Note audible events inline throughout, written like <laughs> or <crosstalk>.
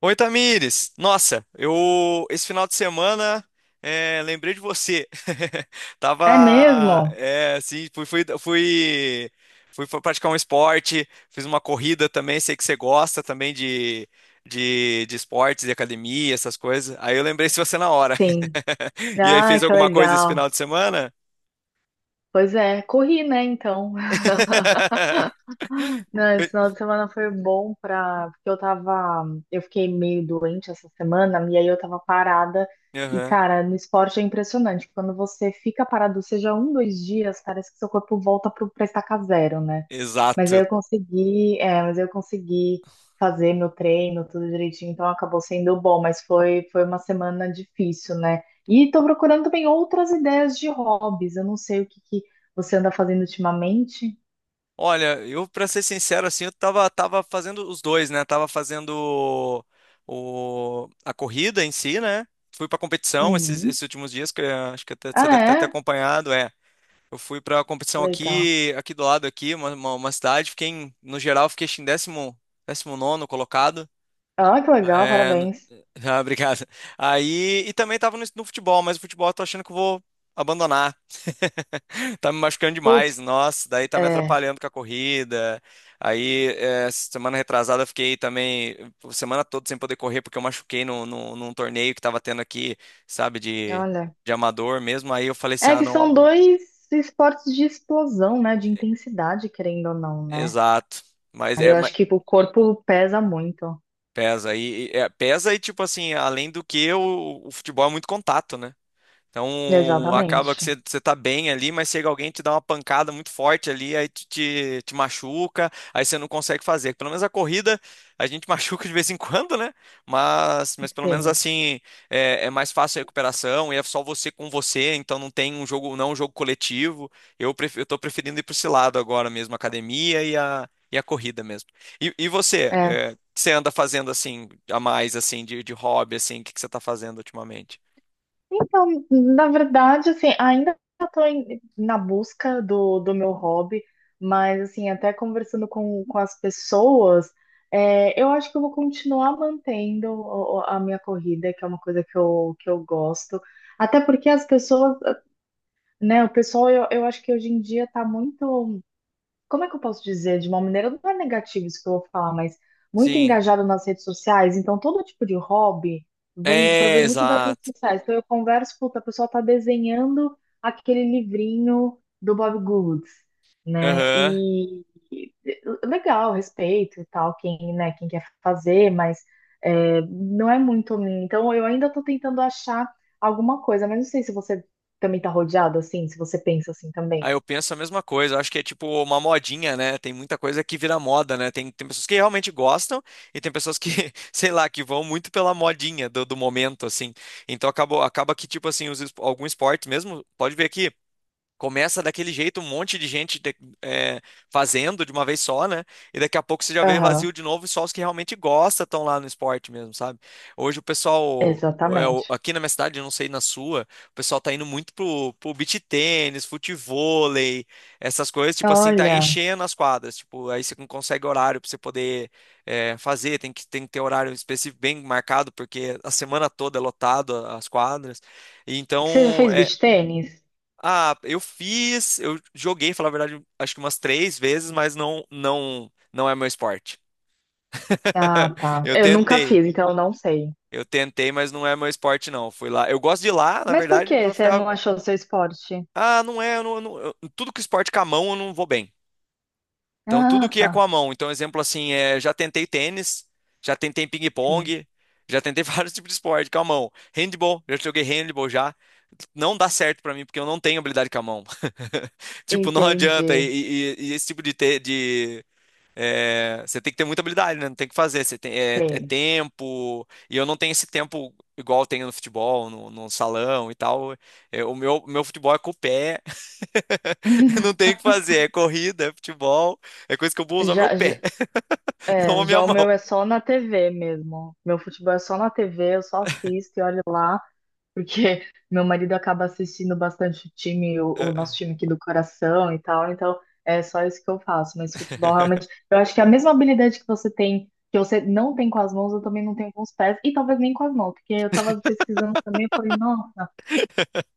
Oi, Tamires! Nossa, eu esse final de semana lembrei de você. <laughs> É Tava mesmo? Assim, praticar um esporte, fiz uma corrida também. Sei que você gosta também de esportes, de academia, essas coisas. Aí eu lembrei de você na hora. Sim. <laughs> E aí, Ah, fez que alguma coisa esse legal. final de semana? Pois é, corri, né, então. <laughs> <laughs> Não, esse final de semana foi bom pra. Porque eu tava. Eu fiquei meio doente essa semana, e aí eu tava parada. E, Aham. cara, no esporte é impressionante. Quando você fica parado, seja um, dois dias, parece que seu corpo volta pro, pra estaca zero, né? Mas aí Exato. eu consegui. Mas aí eu consegui fazer meu treino, tudo direitinho, então acabou sendo bom. Mas foi uma semana difícil, né? E tô procurando também outras ideias de hobbies. Eu não sei o que que você anda fazendo ultimamente. Olha, eu pra ser sincero assim, eu tava fazendo os dois, né? Tava fazendo a corrida em si, né? Fui pra competição Uhum. esses últimos dias que acho que você Ah, deve ter até é? acompanhado, é. Eu fui pra competição Legal. aqui do lado aqui, uma cidade, fiquei no geral fiquei acho que em décimo nono colocado. Ah, que legal, É, parabéns. <laughs> ah, obrigado. Aí e também tava no futebol, mas o futebol eu tô achando que eu vou abandonar. <laughs> Tá me machucando demais, Putz, nossa, daí tá me é, atrapalhando com a corrida. Aí, é, semana retrasada, eu fiquei também, semana toda sem poder correr, porque eu machuquei num torneio que tava tendo aqui, sabe, olha. de amador mesmo. Aí eu falei assim, É ah, que são não, dois esportes de explosão, né? De intensidade, querendo ou não, né? exato. Mas Aí é, eu mas acho que o corpo pesa muito. pesa é, pesa e, tipo assim, além do que, o futebol é muito contato, né? Então acaba que você, Exatamente. você tá bem ali, mas chega alguém e te dá uma pancada muito forte ali, aí te machuca, aí você não consegue fazer. Pelo menos a corrida a gente <laughs> machuca de vez em quando, né? Mas pelo menos Sim. assim é, é mais fácil a recuperação e é só você com você, então não tem um jogo, não é um jogo coletivo. Eu tô preferindo ir para esse lado agora mesmo, a academia e a corrida mesmo. E você, é é, o que você anda fazendo assim, a mais assim, de hobby, assim, que você tá fazendo ultimamente? Então, na verdade, assim, ainda estou na busca do, do meu hobby, mas, assim, até conversando com as pessoas, eu acho que eu vou continuar mantendo a minha corrida, que é uma coisa que eu gosto. Até porque as pessoas, né, o pessoal, eu acho que hoje em dia está muito, como é que eu posso dizer, de uma maneira, não é negativo isso que eu vou falar, mas muito Sim. engajado nas redes sociais, então todo tipo de hobby vem, É, provém muito das redes exato. sociais. Então eu converso, puta, a pessoa tá desenhando aquele livrinho do Bob Goods, né? Aham. E, legal, respeito e tal, quem, né, quem quer fazer, mas é, não é muito mim. Então eu ainda tô tentando achar alguma coisa, mas não sei se você também tá rodeado assim, se você pensa assim Aí também. eu penso a mesma coisa. Eu acho que é tipo uma modinha, né? Tem muita coisa que vira moda, né? Tem, tem pessoas que realmente gostam e tem pessoas que, <laughs> sei lá, que vão muito pela modinha do momento, assim. Então acabou, acaba que, tipo assim, algum esporte mesmo, pode ver aqui. Começa daquele jeito, um monte de gente é, fazendo de uma vez só, né? E daqui a pouco você já vê Aham. vazio de novo e só os que realmente gostam estão lá no esporte mesmo, sabe? Hoje o pessoal, é, Exatamente. aqui na minha cidade, eu não sei na sua, o pessoal tá indo muito pro beach tênis, futevôlei, essas coisas, tipo assim, tá Olha, enchendo as quadras. Tipo, aí você não consegue horário pra você poder é, fazer, tem que ter horário específico bem marcado, porque a semana toda é lotado as quadras. E você já então, fez é beach tênis? ah, eu fiz, eu joguei, falar a verdade, acho que umas três vezes, mas não é meu esporte. <laughs> Ah, tá. Eu Eu nunca tentei, fiz, então eu não sei. eu tentei, mas não é meu esporte não. Fui lá, eu gosto de ir lá, na Mas por verdade, que pra você ficar, não achou o seu esporte? ah, não é, eu tudo que esporte com a mão eu não vou bem. Então, tudo Ah, que é com tá. a mão. Então, um exemplo assim, é, já tentei tênis, já tentei Sim, ping-pong, já tentei <laughs> vários tipos de esporte com a mão. Handball, já joguei handball já. Não dá certo pra mim, porque eu não tenho habilidade com a mão. <laughs> Tipo, não adianta. entendi. E esse tipo de, é, você tem que ter muita habilidade, né? Não tem o que fazer. Você tem, é, é Tem. tempo. E eu não tenho esse tempo igual eu tenho no futebol, no salão e tal. É, meu futebol é com o pé. <laughs> Não <laughs> tem o que fazer. É corrida, é futebol. É coisa que eu vou usar meu Já, já, pé, <laughs> não a é, já minha o mão. meu é só na TV mesmo. Meu futebol é só na TV, eu só assisto e olho lá. Porque <laughs> meu marido acaba assistindo bastante o time, o nosso É. time aqui do coração e tal, então é só isso que eu faço. Mas futebol <laughs> realmente, eu acho que é a mesma habilidade que você tem, que você não tem com as mãos, eu também não tenho com os pés, e talvez nem com as mãos, porque eu tava pesquisando também, eu falei, nossa.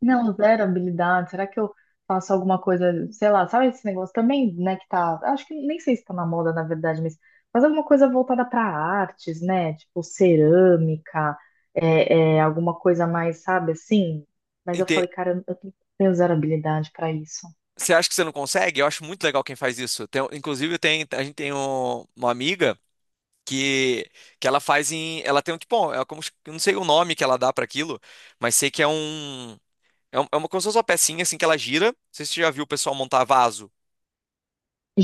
Não, zero habilidade. Será que eu faço alguma coisa, sei lá, sabe esse negócio também, né, que tá, acho que nem sei se tá na moda, na verdade, mas faz alguma coisa voltada para artes, né? Tipo cerâmica, é, é, alguma coisa mais, sabe, assim. Mas eu Ente- falei, cara, eu tenho zero habilidade para isso. Você acha que você não consegue? Eu acho muito legal quem faz isso. Inclusive, tem, a gente tem uma amiga. que que ela faz em, ela tem um tipo, bom, é como eu não sei o nome que ela dá para aquilo, mas sei que é é uma como se fosse uma pecinha assim que ela gira. Não sei se você já viu o pessoal montar vaso,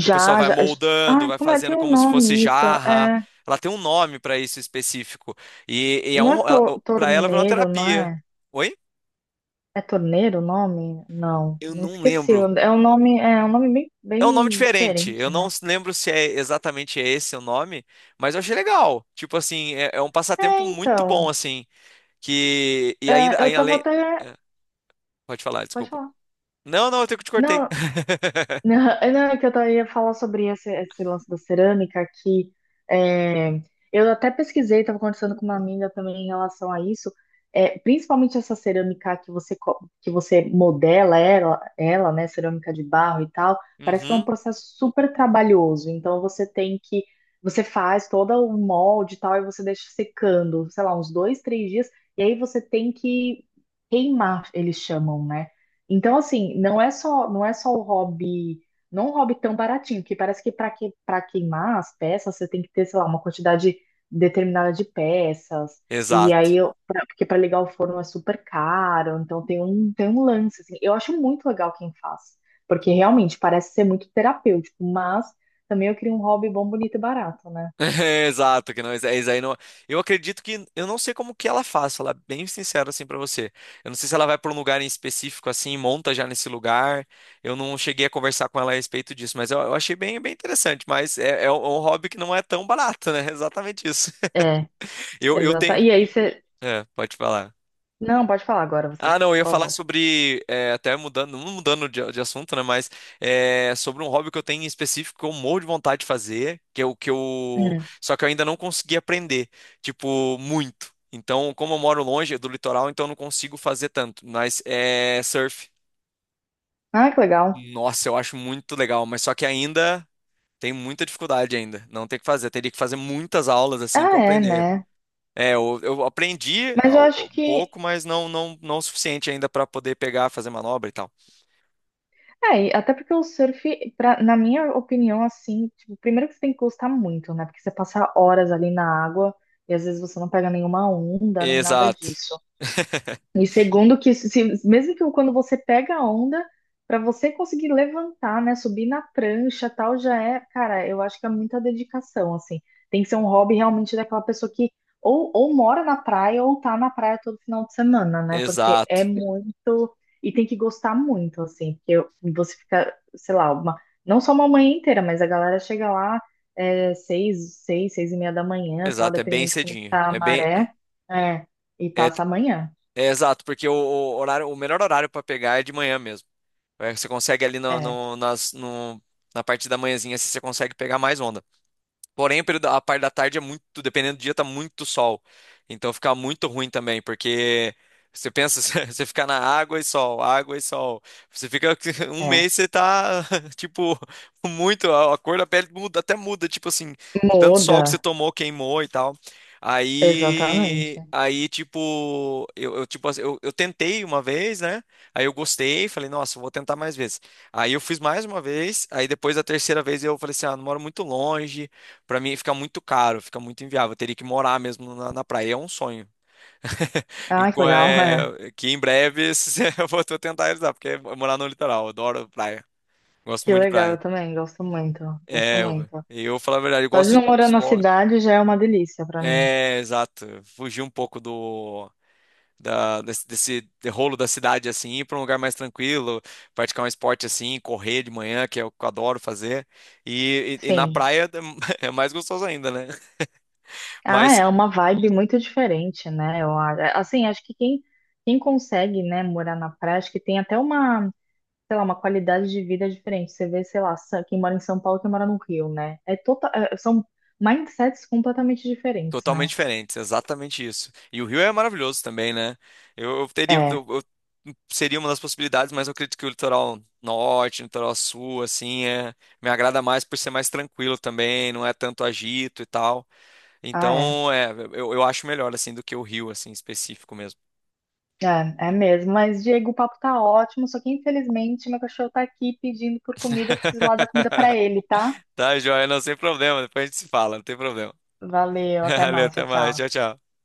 que o pessoal vai já. moldando, Ai, vai como é? Tem fazendo um como se fosse nome isso? jarra. É, Ela tem um nome para isso específico e é não é um to- para ela virou uma torneiro, não terapia. é? Oi? É torneiro o nome? Não, Eu não não esqueci. lembro. É um nome bem, É um nome bem diferente. Eu diferente, não né? Lembro se é exatamente esse o nome, mas eu achei legal. Tipo assim, é, é um É, passatempo muito bom então, assim. Que. E ainda, é, aí eu tava além. até. É, pode falar, Pode desculpa. falar. Não, não, eu te cortei. Não, <laughs> Não, não, é que eu tava- ia falar sobre esse, esse lance da cerâmica que é, eu até pesquisei, estava conversando com uma amiga também em relação a isso, é, principalmente essa cerâmica que você, co- que você modela ela, ela, né, cerâmica de barro e tal, parece que é um Uhum, processo super trabalhoso, então você tem que, você faz todo o molde e tal, e você deixa secando, sei lá, uns dois, três dias, e aí você tem que queimar, eles chamam, né? Então, assim, não é só, não é só o hobby, não é um hobby tão baratinho, que parece que, para queimar as peças você tem que ter, sei lá, uma quantidade determinada de peças. E exato. aí, eu- pra- porque para ligar o forno é super caro, então tem um lance, assim. Eu acho muito legal quem faz, porque realmente parece ser muito terapêutico, mas também eu queria um hobby bom, bonito e barato, né? <laughs> Exato, que não, isso aí não. Eu acredito que eu não sei como que ela faz, falar bem sincero assim pra você. Eu não sei se ela vai pra um lugar em específico assim, monta já nesse lugar. Eu não cheguei a conversar com ela a respeito disso, mas eu achei bem, bem interessante. Mas é, é um hobby que não é tão barato, né? <laughs> Exatamente isso. É, <laughs> eu exato. tenho. E aí você. É, pode falar. Não, pode falar agora você, Ah, por não, eu ia falar favor. sobre, é, até mudando, não mudando de assunto, né, mas é, sobre um hobby que eu tenho em específico que eu morro de vontade de fazer, que é o que eu, Hum. só que eu ainda não consegui aprender, tipo, muito. Então, como eu moro longe do litoral, então eu não consigo fazer tanto, mas é surf. Ah, que legal. Nossa, eu acho muito legal, mas só que ainda tem muita dificuldade ainda, não tem o que fazer, teria que fazer muitas aulas assim Ah, para é, aprender. né? É, eu aprendi Mas eu acho um que. pouco, mas não o suficiente ainda para poder pegar, fazer manobra e tal. É, e até porque o surf, pra, na minha opinião, assim, tipo, primeiro que você tem que gostar muito, né? Porque você passa horas ali na água e às vezes você não pega nenhuma onda nem nada Exato. disso. <laughs> E segundo que se- mesmo que quando você pega a onda, para você conseguir levantar, né, subir na prancha, tal, já é, cara, eu acho que é muita dedicação, assim. Tem que ser um hobby realmente daquela pessoa que ou mora na praia ou tá na praia todo final de semana, né? Porque é Exato. muito e tem que gostar muito, assim, porque eu- você fica, sei lá, uma, não só uma manhã inteira, mas a galera chega lá é, 6, 6, 6 e meia da manhã, tal, Exato, é bem dependendo de como cedinho. tá a É bem maré, é, e é, passa a manhã. é exato, porque o horário, o melhor horário para pegar é de manhã mesmo. É, você consegue ali no, É. no- nas, no- na parte da manhãzinha, assim, você consegue pegar mais onda. Porém, a parte da tarde é muito, dependendo do dia, tá muito sol. Então fica muito ruim também, porque você pensa, <laughs> você fica na água e sol, água e sol. Você fica <laughs> um É. mês, você tá, <laughs> tipo, muito, a cor da pele muda, até muda, tipo assim, tanto sol que você Muda. tomou, queimou e tal. Exatamente. Tipo, tipo, assim, eu tentei uma vez, né? Aí eu gostei, falei, nossa, eu vou tentar mais vezes. Aí eu fiz mais uma vez, aí depois da terceira vez eu falei assim, ah, não moro muito longe. Pra mim fica muito caro, fica muito inviável. Eu teria que morar mesmo na praia. É um sonho. <laughs> Ah, que legal, é. Que em breve <laughs> eu vou tô tentar realizar, porque é morar no litoral. Eu adoro praia. Gosto Que muito de legal, eu praia. também gosto muito. Gosto É, muito. eu falar a verdade, eu Só de gosto de não morar na esporte. cidade já é uma delícia pra mim. É, exato. Fugir um pouco do desse rolo da cidade assim, ir pra um lugar mais tranquilo, praticar um esporte assim, correr de manhã, que é o que eu adoro fazer. E na Sim. praia <laughs> é mais gostoso ainda, né? Ah, Mas é uma vibe muito diferente, né? É, assim, acho que quem, quem consegue, né, morar na praia, acho que tem até uma, sei lá, uma qualidade de vida diferente. Você vê, sei lá, Sa- quem mora em São Paulo, quem mora no Rio, né? É total, é- são mindsets completamente diferentes, totalmente né? diferentes, exatamente isso. E o Rio é maravilhoso também, né? Eu teria, É. Eu- seria uma das possibilidades, mas eu acredito que o litoral norte, o litoral sul, assim, é, me agrada mais por ser mais tranquilo também, não é tanto agito e tal. Ah, é. Então, é, eu acho melhor, assim, do que o Rio, assim, específico mesmo. É, é mesmo. Mas, Diego, o papo tá ótimo, só que infelizmente meu cachorro tá aqui pedindo por comida, eu preciso lá dar comida pra <laughs> ele, tá? Tá, joia, não, sem problema, depois a gente se fala, não tem problema. Valeu, <laughs> até Valeu, mais, até tchau, mais, tchau. tchau, tchau.